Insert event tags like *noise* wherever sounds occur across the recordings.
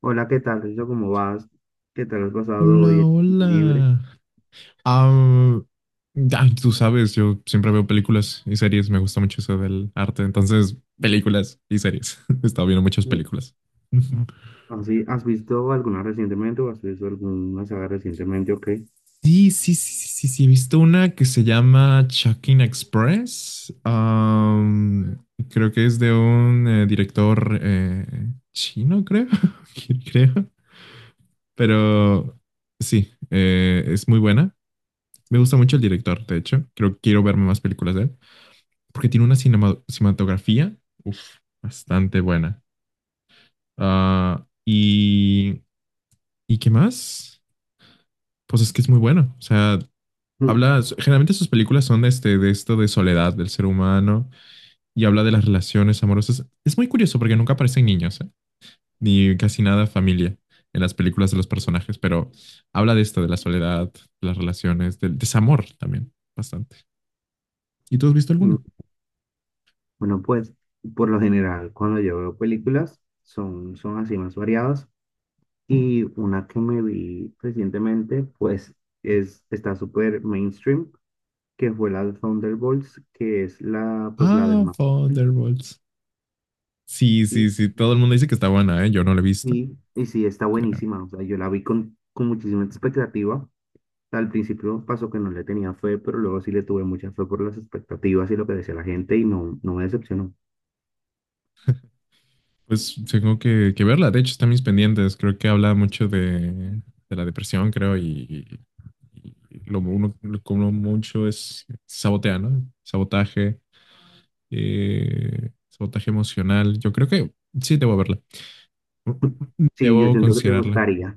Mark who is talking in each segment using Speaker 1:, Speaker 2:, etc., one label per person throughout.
Speaker 1: Hola, ¿qué tal, Rizo? ¿Cómo vas? ¿Qué tal has pasado hoy
Speaker 2: Hola,
Speaker 1: en tu libre?
Speaker 2: hola. Ah, ay, tú sabes, yo siempre veo películas y series, me gusta mucho eso del arte, entonces películas y series. *laughs* He estado viendo muchas
Speaker 1: Mm.
Speaker 2: películas. Ujú.
Speaker 1: ¿Así, has visto alguna recientemente o has visto alguna saga recientemente o qué?
Speaker 2: Sí, sí, sí, he visto una que se llama Chucking Express. Creo que es de un director chino, creo, *laughs* creo, pero sí, es muy buena. Me gusta mucho el director, de hecho, creo que quiero verme más películas de él, porque tiene una cinematografía, uf, bastante buena. Ah, y, ¿Y qué más? Pues es que es muy bueno. O sea,
Speaker 1: Mm,
Speaker 2: habla, generalmente sus películas son de, de esto de soledad del ser humano, y habla de las relaciones amorosas. Es muy curioso porque nunca aparecen niños, ¿eh? Ni casi nada familia en las películas de los personajes, pero habla de esto, de la soledad, de las relaciones, del desamor también, bastante. ¿Y tú has visto alguna?
Speaker 1: mm. Bueno, pues, por lo general, cuando yo veo películas, son así más variadas. Y una que me vi recientemente, pues, es, está súper mainstream, que fue la de Thunderbolts, que es la, pues, la de
Speaker 2: Ah,
Speaker 1: Marvel.
Speaker 2: Thunderbolts. Sí,
Speaker 1: Y,
Speaker 2: sí, sí, todo el mundo dice que está buena, ¿eh? Yo no la he visto,
Speaker 1: y sí, está
Speaker 2: pero
Speaker 1: buenísima. O sea, yo la vi con muchísima expectativa. Al principio un paso que no le tenía fe, pero luego sí le tuve mucha fe por las expectativas y lo que decía la gente y no, no me decepcionó.
Speaker 2: pues tengo que verla. De hecho, están mis pendientes. Creo que habla mucho de la depresión, creo, y lo uno, lo que uno mucho es sabotear, ¿no? Sabotaje, sabotaje emocional. Yo creo que sí, debo verla.
Speaker 1: Sí, yo
Speaker 2: Debo
Speaker 1: siento que te
Speaker 2: considerarla.
Speaker 1: gustaría.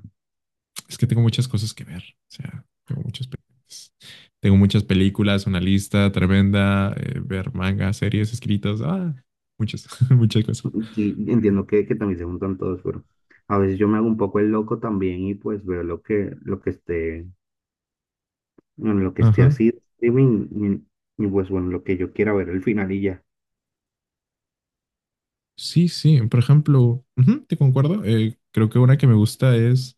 Speaker 2: Es que tengo muchas cosas que ver. O sea, tengo muchas películas. Tengo muchas películas, una lista tremenda, ver mangas, series, escritas, muchas, *laughs* muchas cosas.
Speaker 1: Sí, entiendo que también se juntan todos, pero a veces yo me hago un poco el loco también y pues veo lo que esté, bueno, lo que esté
Speaker 2: Ajá.
Speaker 1: así, de streaming, y pues bueno, lo que yo quiera ver el final y ya.
Speaker 2: Sí, sí. Por ejemplo, ujú, te concuerdo. Creo que una que me gusta es,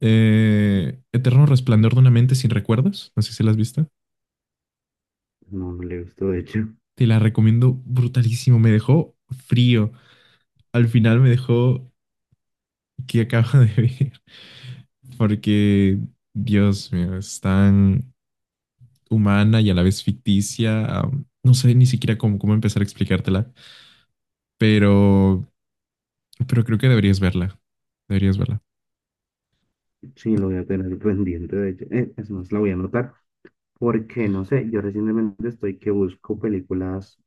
Speaker 2: Eterno Resplandor de una mente sin recuerdos. No sé si la has visto.
Speaker 1: No, no lo he visto, de hecho. *laughs*
Speaker 2: Te la recomiendo brutalísimo. Me dejó frío. Al final me dejó que acaba de ver. *laughs* Porque, Dios mío, es tan humana y a la vez ficticia. No sé ni siquiera cómo empezar a explicártela, pero, pero creo que deberías verla. Deberías verla.
Speaker 1: Sí, lo voy a tener pendiente, de hecho. Es más, la voy a anotar. Porque, no sé, yo recientemente estoy que busco películas,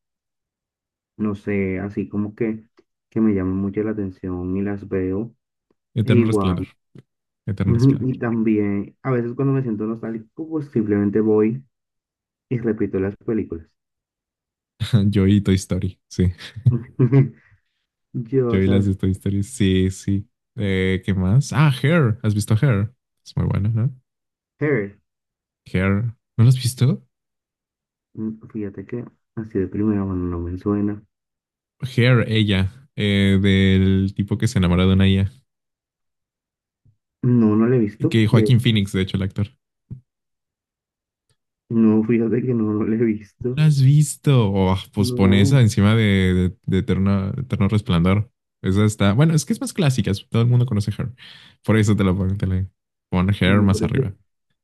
Speaker 1: no sé, así como que me llaman mucho la atención y las veo. E
Speaker 2: Eterno
Speaker 1: igual,
Speaker 2: Resplandor.
Speaker 1: *laughs*
Speaker 2: Eterno
Speaker 1: ujú,
Speaker 2: Resplandor.
Speaker 1: y también, a veces cuando me siento nostálgico, pues simplemente voy y repito las películas.
Speaker 2: *laughs* Yo y Toy Story. Sí.
Speaker 1: *laughs*
Speaker 2: Yo
Speaker 1: Yo,
Speaker 2: y las
Speaker 1: ¿sabes?
Speaker 2: de Toy Story. Sí, sí. ¿Qué más? Ah, Hair. ¿Has visto Hair? Es muy buena, ¿no?
Speaker 1: Her,
Speaker 2: Hair. ¿No lo has visto?
Speaker 1: fíjate que así de primera mano no me suena.
Speaker 2: Hair, ella. Del tipo que se enamora de una IA.
Speaker 1: No, no la he visto.
Speaker 2: Que
Speaker 1: De,
Speaker 2: Joaquín Phoenix, de hecho, el actor.
Speaker 1: no, fíjate que no, no la he visto.
Speaker 2: ¿Lo has visto? Oh, pues pon
Speaker 1: No,
Speaker 2: esa encima de, de Eterno Resplandor. Esa está. Bueno, es que es más clásica. Todo el mundo conoce Her. Por eso te la pongo. Pon Her
Speaker 1: no,
Speaker 2: más
Speaker 1: pero es
Speaker 2: arriba.
Speaker 1: que,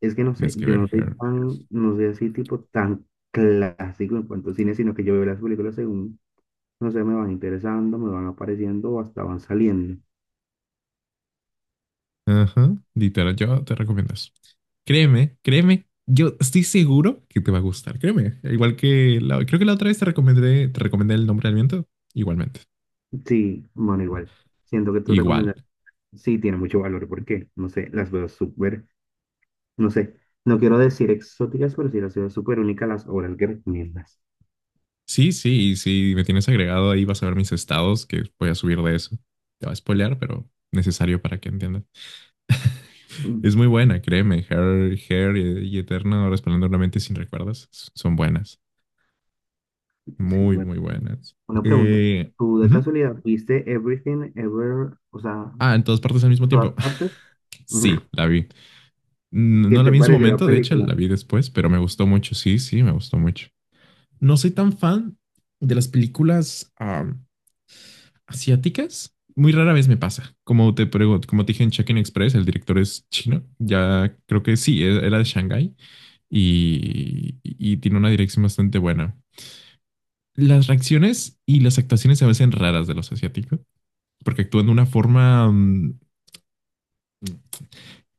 Speaker 1: es que no sé,
Speaker 2: Tienes que
Speaker 1: yo no
Speaker 2: ver
Speaker 1: soy
Speaker 2: Her.
Speaker 1: tan, no soy así tipo tan clásico en cuanto a cine, sino que yo veo las películas según, no sé, me van interesando, me van apareciendo o hasta van saliendo.
Speaker 2: Ajá. Literal, yo te recomiendo eso. Créeme, créeme. Yo estoy seguro que te va a gustar. Créeme. Igual que la, creo que la otra vez te recomendé el nombre del viento. Igualmente.
Speaker 1: Sí, bueno, igual. Siento que tus
Speaker 2: Igual.
Speaker 1: recomendaciones sí tienen mucho valor porque, no sé, las veo súper, no sé, no quiero decir exóticas, pero sí las veo súper únicas las obras que recomiendas.
Speaker 2: Sí, sí, y si me tienes agregado ahí vas a ver mis estados que voy a subir de eso. Te va a spoilear, pero necesario para que entiendas. *laughs* Es
Speaker 1: Mm,
Speaker 2: muy buena, créeme. Hair, Hair y Eterno Resplandor de una mente sin recuerdos son buenas.
Speaker 1: Sí,
Speaker 2: Muy,
Speaker 1: bueno.
Speaker 2: muy buenas.
Speaker 1: Una pregunta.
Speaker 2: Eh,
Speaker 1: ¿Tú de
Speaker 2: ujú.
Speaker 1: casualidad viste Everything Ever, o sea,
Speaker 2: Ah, en todas partes al mismo
Speaker 1: todas
Speaker 2: tiempo.
Speaker 1: partes?
Speaker 2: *laughs* Sí,
Speaker 1: *laughs*
Speaker 2: la vi.
Speaker 1: ¿Qué
Speaker 2: No la
Speaker 1: te
Speaker 2: vi en su
Speaker 1: pareció la
Speaker 2: momento, de hecho,
Speaker 1: película?
Speaker 2: la vi después, pero me gustó mucho. Sí, sí, me gustó mucho. No soy tan fan de las películas, asiáticas, muy rara vez me pasa. Como te pregunto, como te dije en Check-in Express, el director es chino. Ya creo que sí, era de Shanghái y tiene una dirección bastante buena. Las reacciones y las actuaciones se me hacen raras de los asiáticos, porque actúan de una forma,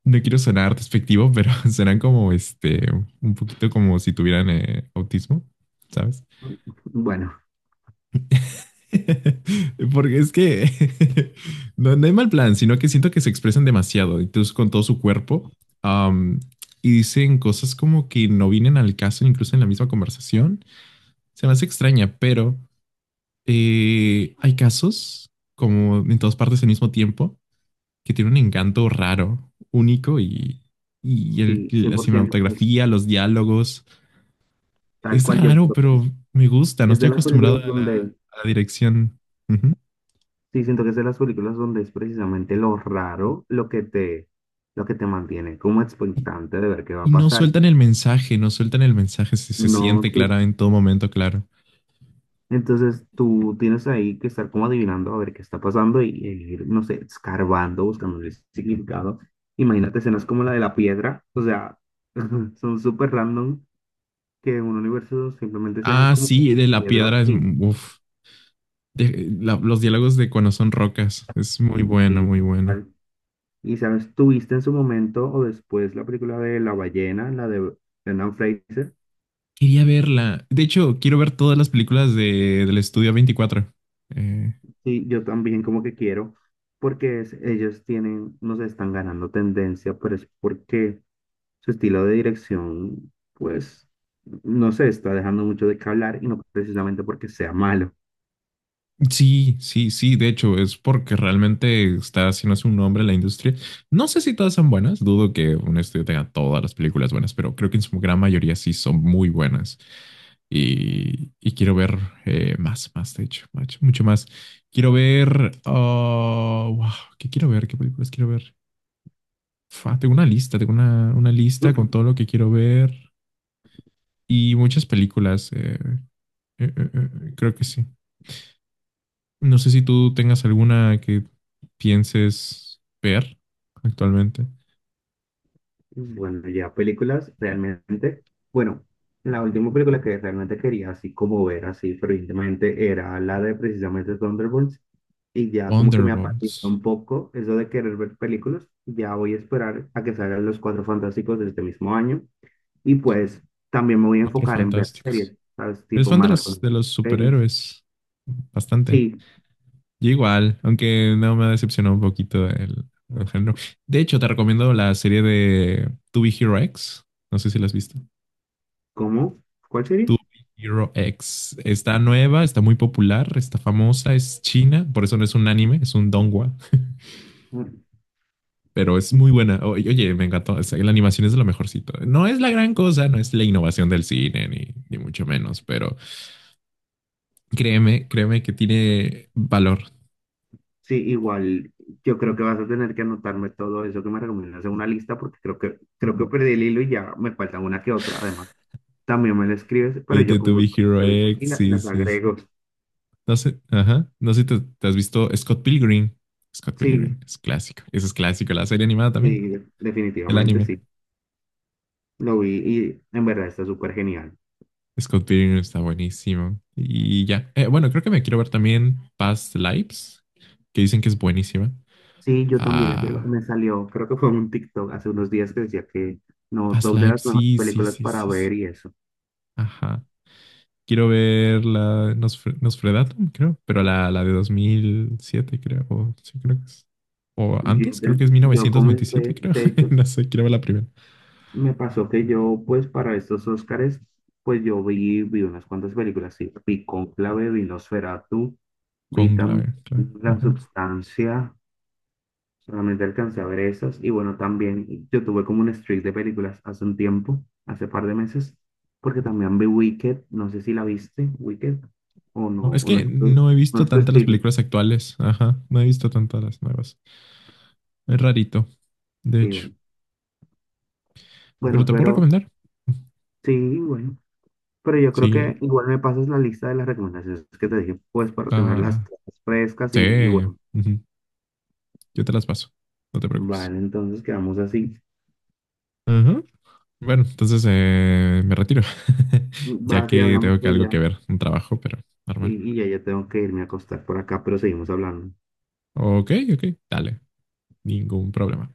Speaker 2: no quiero sonar despectivo, pero *laughs* serán como este, un poquito como si tuvieran autismo, ¿sabes?
Speaker 1: Bueno,
Speaker 2: *laughs* Porque es que, *laughs* no, no hay mal plan, sino que siento que se expresan demasiado, incluso con todo su cuerpo, am, y dicen cosas como que no vienen al caso, incluso en la misma conversación. Se me hace extraña, pero hay casos, como en todas partes al mismo tiempo, que tienen un encanto raro, único, y el-
Speaker 1: sí,
Speaker 2: la
Speaker 1: 100%. Es
Speaker 2: cinematografía, los diálogos.
Speaker 1: tal
Speaker 2: Es
Speaker 1: cual yo
Speaker 2: raro,
Speaker 1: siento que
Speaker 2: pero
Speaker 1: es.
Speaker 2: me gusta, no
Speaker 1: Es de
Speaker 2: estoy
Speaker 1: las
Speaker 2: acostumbrado
Speaker 1: películas donde,
Speaker 2: a la dirección.
Speaker 1: sí, siento que es de las películas donde es precisamente lo raro lo que te mantiene como expectante de ver qué va
Speaker 2: Y
Speaker 1: a
Speaker 2: no
Speaker 1: pasar.
Speaker 2: sueltan el mensaje, no sueltan el mensaje, se
Speaker 1: No,
Speaker 2: siente
Speaker 1: te-
Speaker 2: clara en todo momento, claro.
Speaker 1: entonces tú tienes ahí que estar como adivinando a ver qué está pasando y ir, no sé, escarbando, buscando el significado. Imagínate escenas como la de la piedra, o sea, *laughs* son súper random que en un universo simplemente sean
Speaker 2: Ah,
Speaker 1: como
Speaker 2: sí, de la piedra
Speaker 1: piedras
Speaker 2: es, uf, los diálogos de cuando son rocas, es muy bueno,
Speaker 1: y,
Speaker 2: muy bueno.
Speaker 1: y sabes, tuviste en su momento o después la película de La ballena, la de... Brendan Fraser.
Speaker 2: Quería verla, de hecho, quiero ver todas las películas de, del estudio 24. Eh,
Speaker 1: Sí, yo también como que quiero, porque es- ellos tienen, no sé, están ganando tendencia, pero es porque su estilo de dirección, pues, no sé, está dejando mucho de qué hablar y no precisamente porque sea malo. *clears throat*
Speaker 2: sí, sí, sí, de hecho, es porque realmente está haciendo un nombre en la industria. No sé si todas son buenas, dudo que un estudio tenga todas las películas buenas, pero creo que en su gran mayoría sí son muy buenas. Y quiero ver, más, más, de hecho, mucho, mucho más. Quiero ver. Oh, wow, ¿qué quiero ver? ¿Qué películas quiero ver? Fua, tengo una lista, tengo una lista con todo
Speaker 1: *laughs*
Speaker 2: lo que quiero ver y muchas películas. Creo que sí. No sé si tú tengas alguna que pienses ver actualmente.
Speaker 1: Bueno, ya películas realmente, bueno, la última película que realmente quería así como ver así fervientemente era la de precisamente Thunderbolts, y ya como que me apatizó
Speaker 2: Thunderbolts.
Speaker 1: un poco eso de querer ver películas. Ya voy a esperar a que salgan los Cuatro Fantásticos de este mismo año. Y pues también me voy a
Speaker 2: Cuatro
Speaker 1: enfocar en ver
Speaker 2: fantásticos.
Speaker 1: series, ¿sabes?
Speaker 2: ¿Eres
Speaker 1: Tipo
Speaker 2: fan
Speaker 1: maratón
Speaker 2: de
Speaker 1: de
Speaker 2: los
Speaker 1: series.
Speaker 2: superhéroes? Bastante.
Speaker 1: Sí,
Speaker 2: Yo igual, aunque no me decepcionó un poquito el género. De hecho, te recomiendo la serie de To Be Hero X. No sé si la has visto.
Speaker 1: ¿cómo? ¿Cuál
Speaker 2: To
Speaker 1: serie?
Speaker 2: Be Hero X. Está nueva, está muy popular, está famosa, es china. Por eso no es un anime, es un donghua. *laughs*
Speaker 1: Mm.
Speaker 2: Pero es muy buena. Oye, me encantó. O sea, la animación es de lo mejorcito. No es la gran cosa, no es la innovación del cine, ni, ni mucho menos. Pero créeme, créeme que tiene valor.
Speaker 1: Sí, igual yo creo que vas a tener que anotarme todo eso que me recomiendas en una lista porque creo que, creo que perdí el hilo y ya me faltan una que otra. Además, también me la escribes, pero yo
Speaker 2: Vete
Speaker 1: con
Speaker 2: To Be
Speaker 1: gusto
Speaker 2: Hero
Speaker 1: las reviso y
Speaker 2: X.
Speaker 1: la-
Speaker 2: Sí,
Speaker 1: las
Speaker 2: sí, sí.
Speaker 1: agrego.
Speaker 2: No sé, ajá. No sé si te has visto Scott Pilgrim. Scott Pilgrim
Speaker 1: Sí,
Speaker 2: es clásico. Eso es clásico. La serie animada también.
Speaker 1: sí, de-
Speaker 2: El
Speaker 1: definitivamente
Speaker 2: anime.
Speaker 1: sí. Lo vi y en verdad está súper genial.
Speaker 2: Scott Pilgrim está buenísimo. Y ya. Bueno, creo que me quiero ver también Past Lives, que dicen que es buenísima.
Speaker 1: Sí, yo también la quiero.
Speaker 2: Ah,
Speaker 1: Me salió, creo que fue en un TikTok hace unos días que decía que, no,
Speaker 2: Past
Speaker 1: top de
Speaker 2: Lives,
Speaker 1: las mejores
Speaker 2: sí, sí,
Speaker 1: películas
Speaker 2: sí,
Speaker 1: para
Speaker 2: sí, sí.
Speaker 1: ver y eso.
Speaker 2: Ajá. Quiero ver la Nosferatu, creo, pero la de 2007, creo. O, sí, creo que es. O
Speaker 1: Yo,
Speaker 2: antes, creo
Speaker 1: inten-
Speaker 2: que es
Speaker 1: yo
Speaker 2: 1997,
Speaker 1: comencé,
Speaker 2: creo.
Speaker 1: de
Speaker 2: *laughs*
Speaker 1: hecho,
Speaker 2: No sé, quiero ver la primera.
Speaker 1: me pasó que yo, pues para estos Óscares, pues yo vi, vi unas cuantas películas, sí. Vi Cónclave, vi Nosferatu, vi también
Speaker 2: Conclave,
Speaker 1: La
Speaker 2: claro.
Speaker 1: Substancia. Solamente alcancé a ver esas. Y bueno, también yo tuve como un streak de películas hace un tiempo, hace par de meses, porque también vi Wicked. No sé si la viste, Wicked,
Speaker 2: No, es
Speaker 1: o no
Speaker 2: que
Speaker 1: es tu,
Speaker 2: no he
Speaker 1: no
Speaker 2: visto
Speaker 1: es tu
Speaker 2: tantas las
Speaker 1: estilo.
Speaker 2: películas actuales. Ajá, no he visto tantas las nuevas. Es rarito, de
Speaker 1: Sí,
Speaker 2: hecho.
Speaker 1: bueno.
Speaker 2: Pero
Speaker 1: Bueno,
Speaker 2: te puedo
Speaker 1: pero
Speaker 2: recomendar.
Speaker 1: sí, bueno. Pero yo creo
Speaker 2: Sí,
Speaker 1: que igual me pasas la lista de las recomendaciones que te dije, pues para tenerlas
Speaker 2: ah,
Speaker 1: todas frescas y
Speaker 2: sí.
Speaker 1: bueno.
Speaker 2: Ujú, yo te las paso. No te preocupes.
Speaker 1: Vale, entonces quedamos así.
Speaker 2: Ajá. Bueno, entonces me retiro. *laughs* Ya
Speaker 1: Vas y
Speaker 2: que
Speaker 1: hablamos
Speaker 2: tengo que
Speaker 1: que
Speaker 2: algo que
Speaker 1: ya.
Speaker 2: ver, un trabajo, pero normal.
Speaker 1: Y ya, ya tengo que irme a acostar por acá, pero seguimos hablando.
Speaker 2: Ok, ok, dale. Ningún problema.